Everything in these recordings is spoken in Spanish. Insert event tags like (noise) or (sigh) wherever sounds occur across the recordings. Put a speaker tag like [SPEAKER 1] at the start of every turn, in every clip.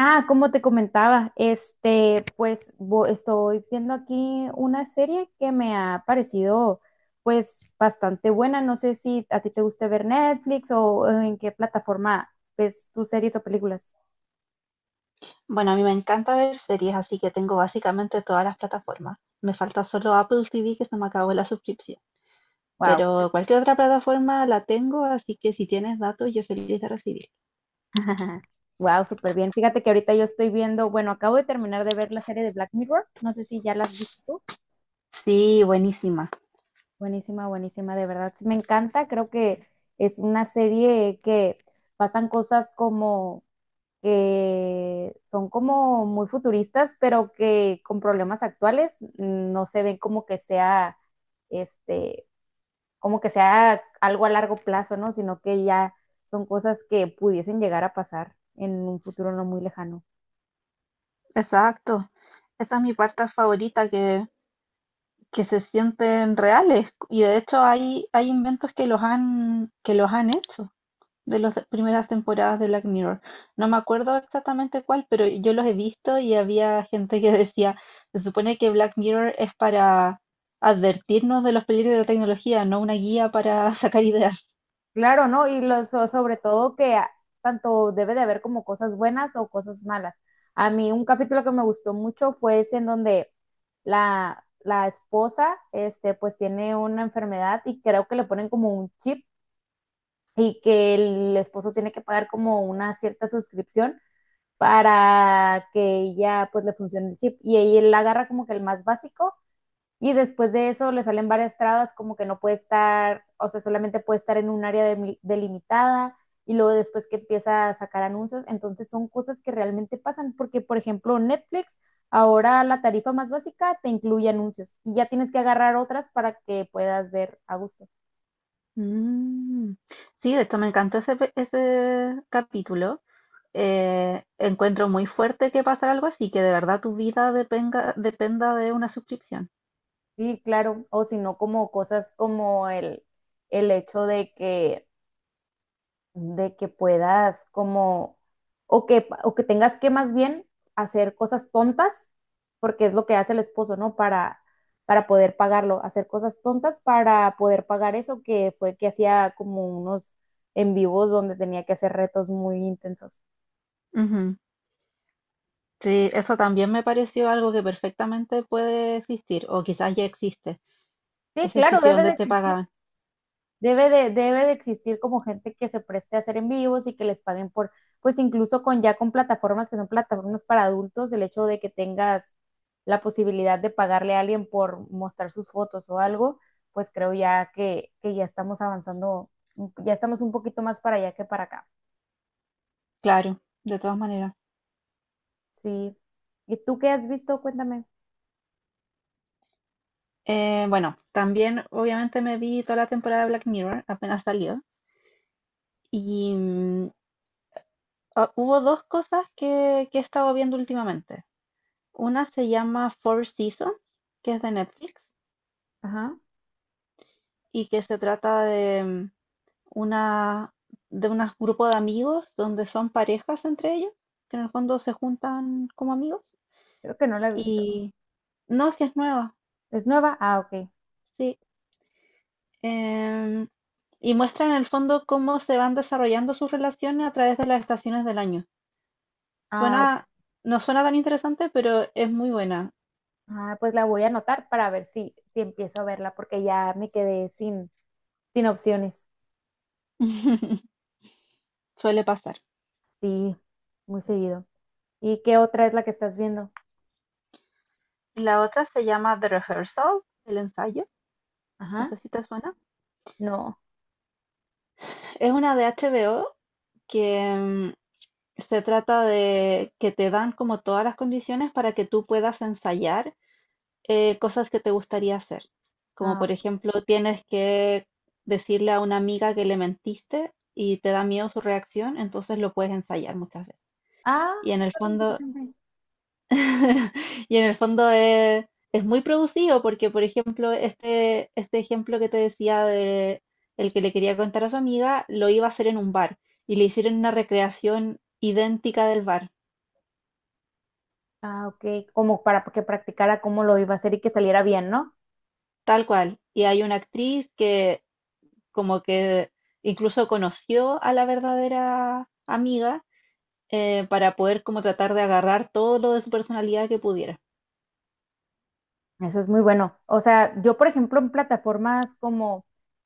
[SPEAKER 1] Ah, como te comentaba, estoy viendo aquí una serie que me ha parecido pues bastante buena. No sé si a ti te gusta ver Netflix o en qué plataforma ves tus series o películas.
[SPEAKER 2] Bueno, a mí me encanta ver series, así que tengo básicamente todas las plataformas. Me falta solo Apple TV que se me acabó la suscripción,
[SPEAKER 1] Wow.
[SPEAKER 2] pero cualquier otra plataforma la tengo, así que si tienes datos, yo feliz de recibir.
[SPEAKER 1] (laughs) Wow, súper bien. (laughs) Fíjate que ahorita yo estoy viendo, bueno, acabo de terminar de ver la serie de Black Mirror. No sé si ya la has visto tú.
[SPEAKER 2] Sí, buenísima.
[SPEAKER 1] Buenísima, buenísima, de verdad. Sí, me encanta. Creo que es una serie que pasan cosas como que son como muy futuristas, pero que con problemas actuales no se ven como que sea, este, como que sea algo a largo plazo, ¿no? Sino que ya son cosas que pudiesen llegar a pasar en un futuro no muy lejano.
[SPEAKER 2] Exacto. Esa es mi parte favorita, que se sienten reales. Y de hecho hay inventos que que los han hecho de las primeras temporadas de Black Mirror. No me acuerdo exactamente cuál, pero yo los he visto y había gente que decía, se supone que Black Mirror es para advertirnos de los peligros de la tecnología, no una guía para (laughs) sacar ideas.
[SPEAKER 1] Claro, ¿no? Sobre todo. Tanto debe de haber como cosas buenas o cosas malas. A mí un capítulo que me gustó mucho fue ese en donde la esposa, pues tiene una enfermedad y creo que le ponen como un chip y que el esposo tiene que pagar como una cierta suscripción para que ella pues le funcione el chip y ella la agarra como que el más básico y después de eso le salen varias trabas, como que no puede estar, o sea, solamente puede estar en un delimitada y luego después que empieza a sacar anuncios. Entonces son cosas que realmente pasan, porque por ejemplo Netflix, ahora la tarifa más básica te incluye anuncios y ya tienes que agarrar otras para que puedas ver a gusto.
[SPEAKER 2] Mm. Sí, de hecho me encantó ese capítulo. Encuentro muy fuerte que pasara algo así, que de verdad tu dependa de una suscripción.
[SPEAKER 1] Sí, claro, o si no como cosas como el hecho de que puedas como, o que tengas que más bien hacer cosas tontas, porque es lo que hace el esposo, ¿no? Para poder pagarlo, hacer cosas tontas para poder pagar eso, que fue que hacía como unos en vivos donde tenía que hacer retos muy intensos.
[SPEAKER 2] Ujú. Sí, eso también me pareció algo que perfectamente puede existir, o quizás ya existe.
[SPEAKER 1] Sí,
[SPEAKER 2] Ese
[SPEAKER 1] claro,
[SPEAKER 2] sitio
[SPEAKER 1] debe
[SPEAKER 2] donde
[SPEAKER 1] de
[SPEAKER 2] te
[SPEAKER 1] existir.
[SPEAKER 2] pagaban.
[SPEAKER 1] Debe de existir como gente que se preste a hacer en vivos y que les paguen por, pues incluso con ya con plataformas que son plataformas para adultos, el hecho de que tengas la posibilidad de pagarle a alguien por mostrar sus fotos o algo, pues creo ya que ya estamos avanzando, ya estamos un poquito más para allá que para acá.
[SPEAKER 2] Claro, de todas maneras.
[SPEAKER 1] Sí. ¿Y tú qué has visto? Cuéntame.
[SPEAKER 2] Bueno, también obviamente me vi toda la temporada de Black Mirror, apenas salió. Y mm, Hubo dos que he estado viendo últimamente. Una se llama Four Seasons, que es de Netflix,
[SPEAKER 1] Ajá.
[SPEAKER 2] y que se trata de una, de un grupo de amigos donde son parejas entre ellos, que en el fondo se juntan como amigos.
[SPEAKER 1] Creo que no la he visto.
[SPEAKER 2] Y no, es que es nueva.
[SPEAKER 1] ¿Es nueva? Ah, ok.
[SPEAKER 2] Sí. Em, y muestra en el fondo cómo se van desarrollando sus relaciones a través de las estaciones del año.
[SPEAKER 1] Ah, ok.
[SPEAKER 2] Suena, no suena tan interesante, pero es muy buena.
[SPEAKER 1] Ah, pues la voy a anotar para ver si empiezo a verla, porque ya me quedé sin. Sin opciones.
[SPEAKER 2] (laughs) Suele pasar.
[SPEAKER 1] Sí, muy seguido. ¿Y qué otra es la que estás viendo?
[SPEAKER 2] La otra se llama The Rehearsal, el ensayo. No
[SPEAKER 1] Ajá.
[SPEAKER 2] sé si te suena.
[SPEAKER 1] No.
[SPEAKER 2] Es una de HBO que se trata de que te dan como todas las condiciones para que tú puedas ensayar cosas que te gustaría hacer. Como
[SPEAKER 1] Ah,
[SPEAKER 2] por ejemplo, tienes que decirle a una amiga que le mentiste y te da miedo su reacción, entonces lo puedes ensayar muchas veces.
[SPEAKER 1] ah,
[SPEAKER 2] Y en el
[SPEAKER 1] está muy
[SPEAKER 2] fondo,
[SPEAKER 1] interesante.
[SPEAKER 2] (laughs) y en el fondo es muy producido porque, por ejemplo, este ejemplo que te decía de el que le quería contar a su amiga, lo iba a hacer en un bar y le hicieron una recreación idéntica del bar,
[SPEAKER 1] Ah, ok. Como para que practicara cómo lo iba a hacer y que saliera bien, ¿no?
[SPEAKER 2] tal cual. Y hay una actriz que como que incluso conoció a la verdadera amiga, para poder como tratar de agarrar todo lo de su personalidad que pudiera.
[SPEAKER 1] Eso es muy bueno. O sea, yo, por ejemplo, en plataformas como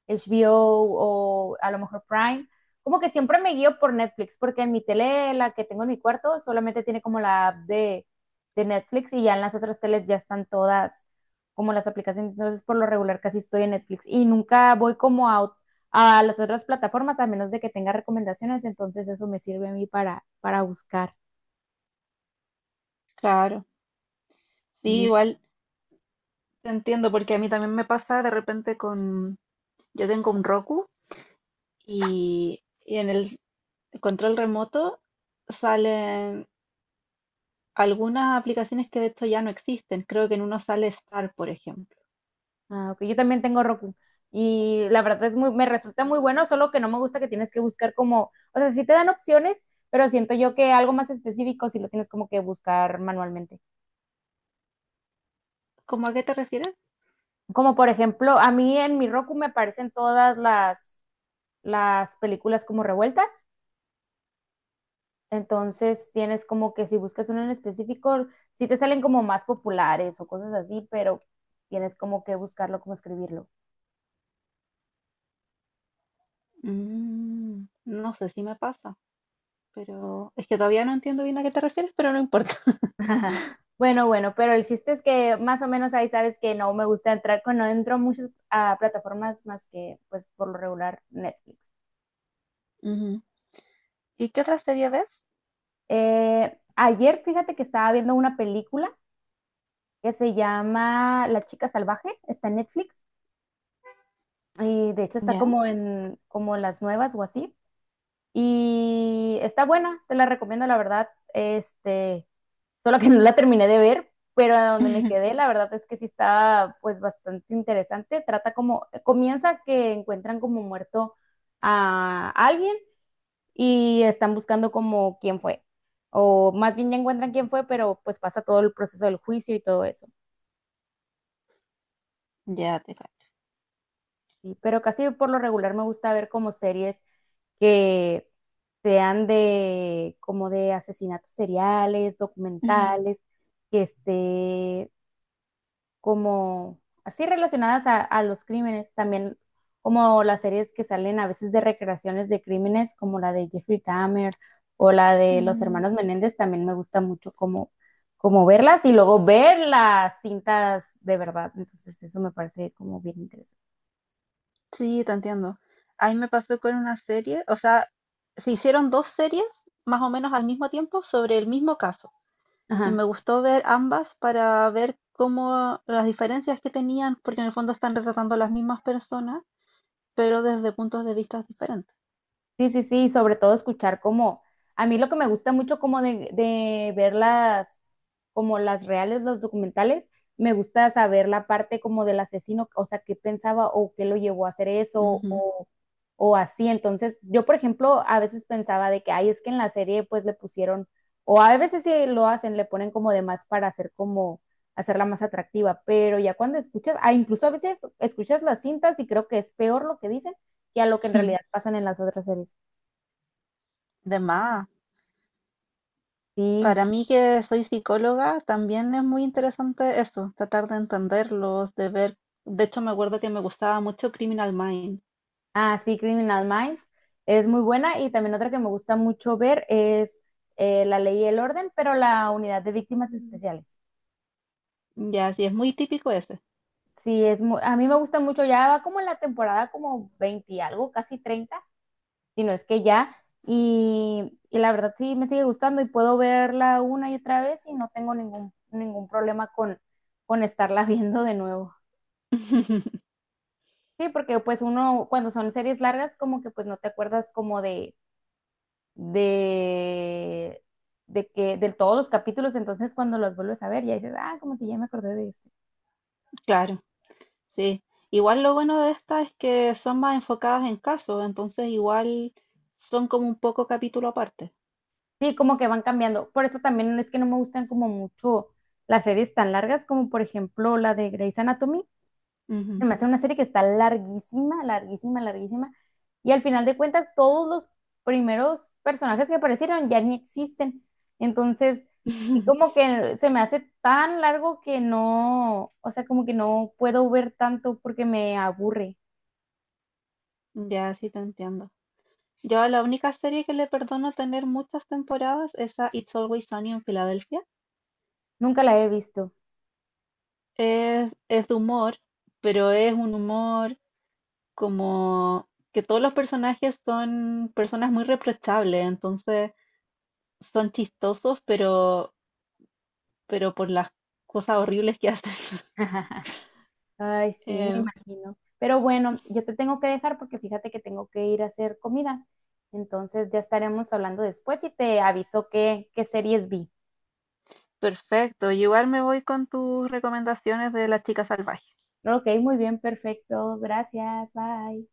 [SPEAKER 1] HBO o a lo mejor Prime, como que siempre me guío por Netflix, porque en mi tele, la que tengo en mi cuarto, solamente tiene como la app de Netflix y ya en las otras teles ya están todas como las aplicaciones. Entonces, por lo regular, casi estoy en Netflix y nunca voy como a las otras plataformas, a menos de que tenga recomendaciones. Entonces, eso me sirve a mí para buscar.
[SPEAKER 2] Claro, sí, igual te entiendo porque a mí también me pasa de repente yo tengo un Roku y en el control remoto salen algunas aplicaciones que de hecho ya no existen. Creo que en uno sale Star, por ejemplo.
[SPEAKER 1] Ah, ok, yo también tengo Roku. Y la verdad es muy, me resulta muy bueno, solo que no me gusta que tienes que buscar como, o sea, sí te dan opciones, pero siento yo que algo más específico sí lo tienes como que buscar manualmente.
[SPEAKER 2] ¿Cómo a qué te refieres?
[SPEAKER 1] Como por ejemplo, a mí en mi Roku me aparecen todas las películas como revueltas. Entonces tienes como que si buscas uno en específico, sí te salen como más populares o cosas así, pero tienes como que buscarlo, como escribirlo.
[SPEAKER 2] Mm, no sé si me pasa. Pero es que todavía no entiendo bien a qué te refieres, pero no importa. (laughs)
[SPEAKER 1] (laughs) Bueno, bueno, pero el chiste es que más o menos ahí sabes que no me gusta entrar, cuando entro a muchas plataformas más que pues por lo regular Netflix.
[SPEAKER 2] Ujú. ¿Y qué otra serie ves?
[SPEAKER 1] Ayer fíjate que estaba viendo una película que se llama La Chica Salvaje, está en Netflix y de hecho está
[SPEAKER 2] Ya,
[SPEAKER 1] como en como en las nuevas o así y está buena, te la recomiendo la verdad. Solo que no la terminé de ver, pero a donde me
[SPEAKER 2] (laughs)
[SPEAKER 1] quedé, la verdad es que sí está pues bastante interesante. Trata como, comienza que encuentran como muerto a alguien y están buscando como quién fue. O más bien ya encuentran quién fue, pero pues pasa todo el proceso del juicio y todo eso.
[SPEAKER 2] ya te cacho.
[SPEAKER 1] Sí, pero casi por lo regular me gusta ver como series que sean de como de asesinatos seriales, documentales,
[SPEAKER 2] (laughs)
[SPEAKER 1] que esté como así relacionadas a los crímenes, también como las series que salen a veces de recreaciones de crímenes, como la de Jeffrey Dahmer o la de los
[SPEAKER 2] Mm.
[SPEAKER 1] hermanos Menéndez, también me gusta mucho como, como verlas y luego ver las cintas de verdad. Entonces eso me parece como bien interesante.
[SPEAKER 2] Sí, te entiendo. A mí me pasó con una serie, o sea, se hicieron dos series más o menos al mismo tiempo sobre el mismo caso. Y me
[SPEAKER 1] Ajá.
[SPEAKER 2] gustó ver ambas para ver cómo las diferencias que tenían, porque en el fondo están retratando a las mismas personas, pero desde puntos de vista diferentes.
[SPEAKER 1] Sí, sí, sí, y sobre todo escuchar como, a mí lo que me gusta mucho como de ver las, como las reales, los documentales, me gusta saber la parte como del asesino, o sea, qué pensaba o qué lo llevó a hacer eso
[SPEAKER 2] Ujú.
[SPEAKER 1] o así. Entonces, yo, por ejemplo, a veces pensaba de que, ay, es que en la serie pues le pusieron, o a veces sí lo hacen, le ponen como de más para hacer como, hacerla más atractiva, pero ya cuando escuchas, ah, incluso a veces escuchas las cintas y creo que es peor lo que dicen que a lo que en realidad
[SPEAKER 2] (laughs)
[SPEAKER 1] pasan en las otras series.
[SPEAKER 2] De más.
[SPEAKER 1] Sí,
[SPEAKER 2] Para mí que soy psicóloga, también es muy interesante eso, tratar de entenderlos, de ver. De hecho, me acuerdo que me gustaba mucho Criminal Minds.
[SPEAKER 1] ah, sí, Criminal Minds es muy buena y también otra que me gusta mucho ver es La Ley y el Orden, pero la Unidad de Víctimas
[SPEAKER 2] Mm.
[SPEAKER 1] Especiales.
[SPEAKER 2] Ya, sí, es muy típico ese.
[SPEAKER 1] Sí, es a mí me gusta mucho, ya va como en la temporada como 20 y algo, casi 30. Si no es que ya, y la verdad sí me sigue gustando y puedo verla una y otra vez y no tengo ningún problema con estarla (laughs) viendo de nuevo.
[SPEAKER 2] (laughs)
[SPEAKER 1] Sí, porque pues uno cuando son series largas como que pues no te acuerdas como de, de que de todos los capítulos, entonces cuando los vuelves a ver ya dices, ah, como que ya me acordé de esto.
[SPEAKER 2] Claro, sí. Igual lo bueno de estas es que son más enfocadas en casos, entonces igual son como un poco capítulo aparte.
[SPEAKER 1] Sí, como que van cambiando. Por eso también es que no me gustan como mucho las series tan largas como por ejemplo la de Grey's Anatomy. Se
[SPEAKER 2] Ujú.
[SPEAKER 1] me hace una serie que está larguísima, larguísima, larguísima. Y al final de cuentas, todos los primeros personajes que aparecieron ya ni existen. Entonces, sí como
[SPEAKER 2] (laughs)
[SPEAKER 1] que se me hace tan largo que no, o sea, como que no puedo ver tanto porque me aburre.
[SPEAKER 2] Ya, sí te entiendo. Yo a la única serie que le perdono tener muchas temporadas es a It's Always Sunny en Filadelfia.
[SPEAKER 1] Nunca la he visto.
[SPEAKER 2] Es de humor, pero es un humor como que todos los personajes son personas muy reprochables, entonces son chistosos, pero por las cosas horribles que hacen. (laughs)
[SPEAKER 1] (laughs) Ay, sí, me
[SPEAKER 2] Eh,
[SPEAKER 1] imagino. Pero bueno, yo te tengo que dejar porque fíjate que tengo que ir a hacer comida. Entonces ya estaremos hablando después y te aviso qué series vi.
[SPEAKER 2] Perfecto, yo igual me voy con tus recomendaciones de La Chica Salvaje.
[SPEAKER 1] Ok, muy bien, perfecto. Gracias, bye.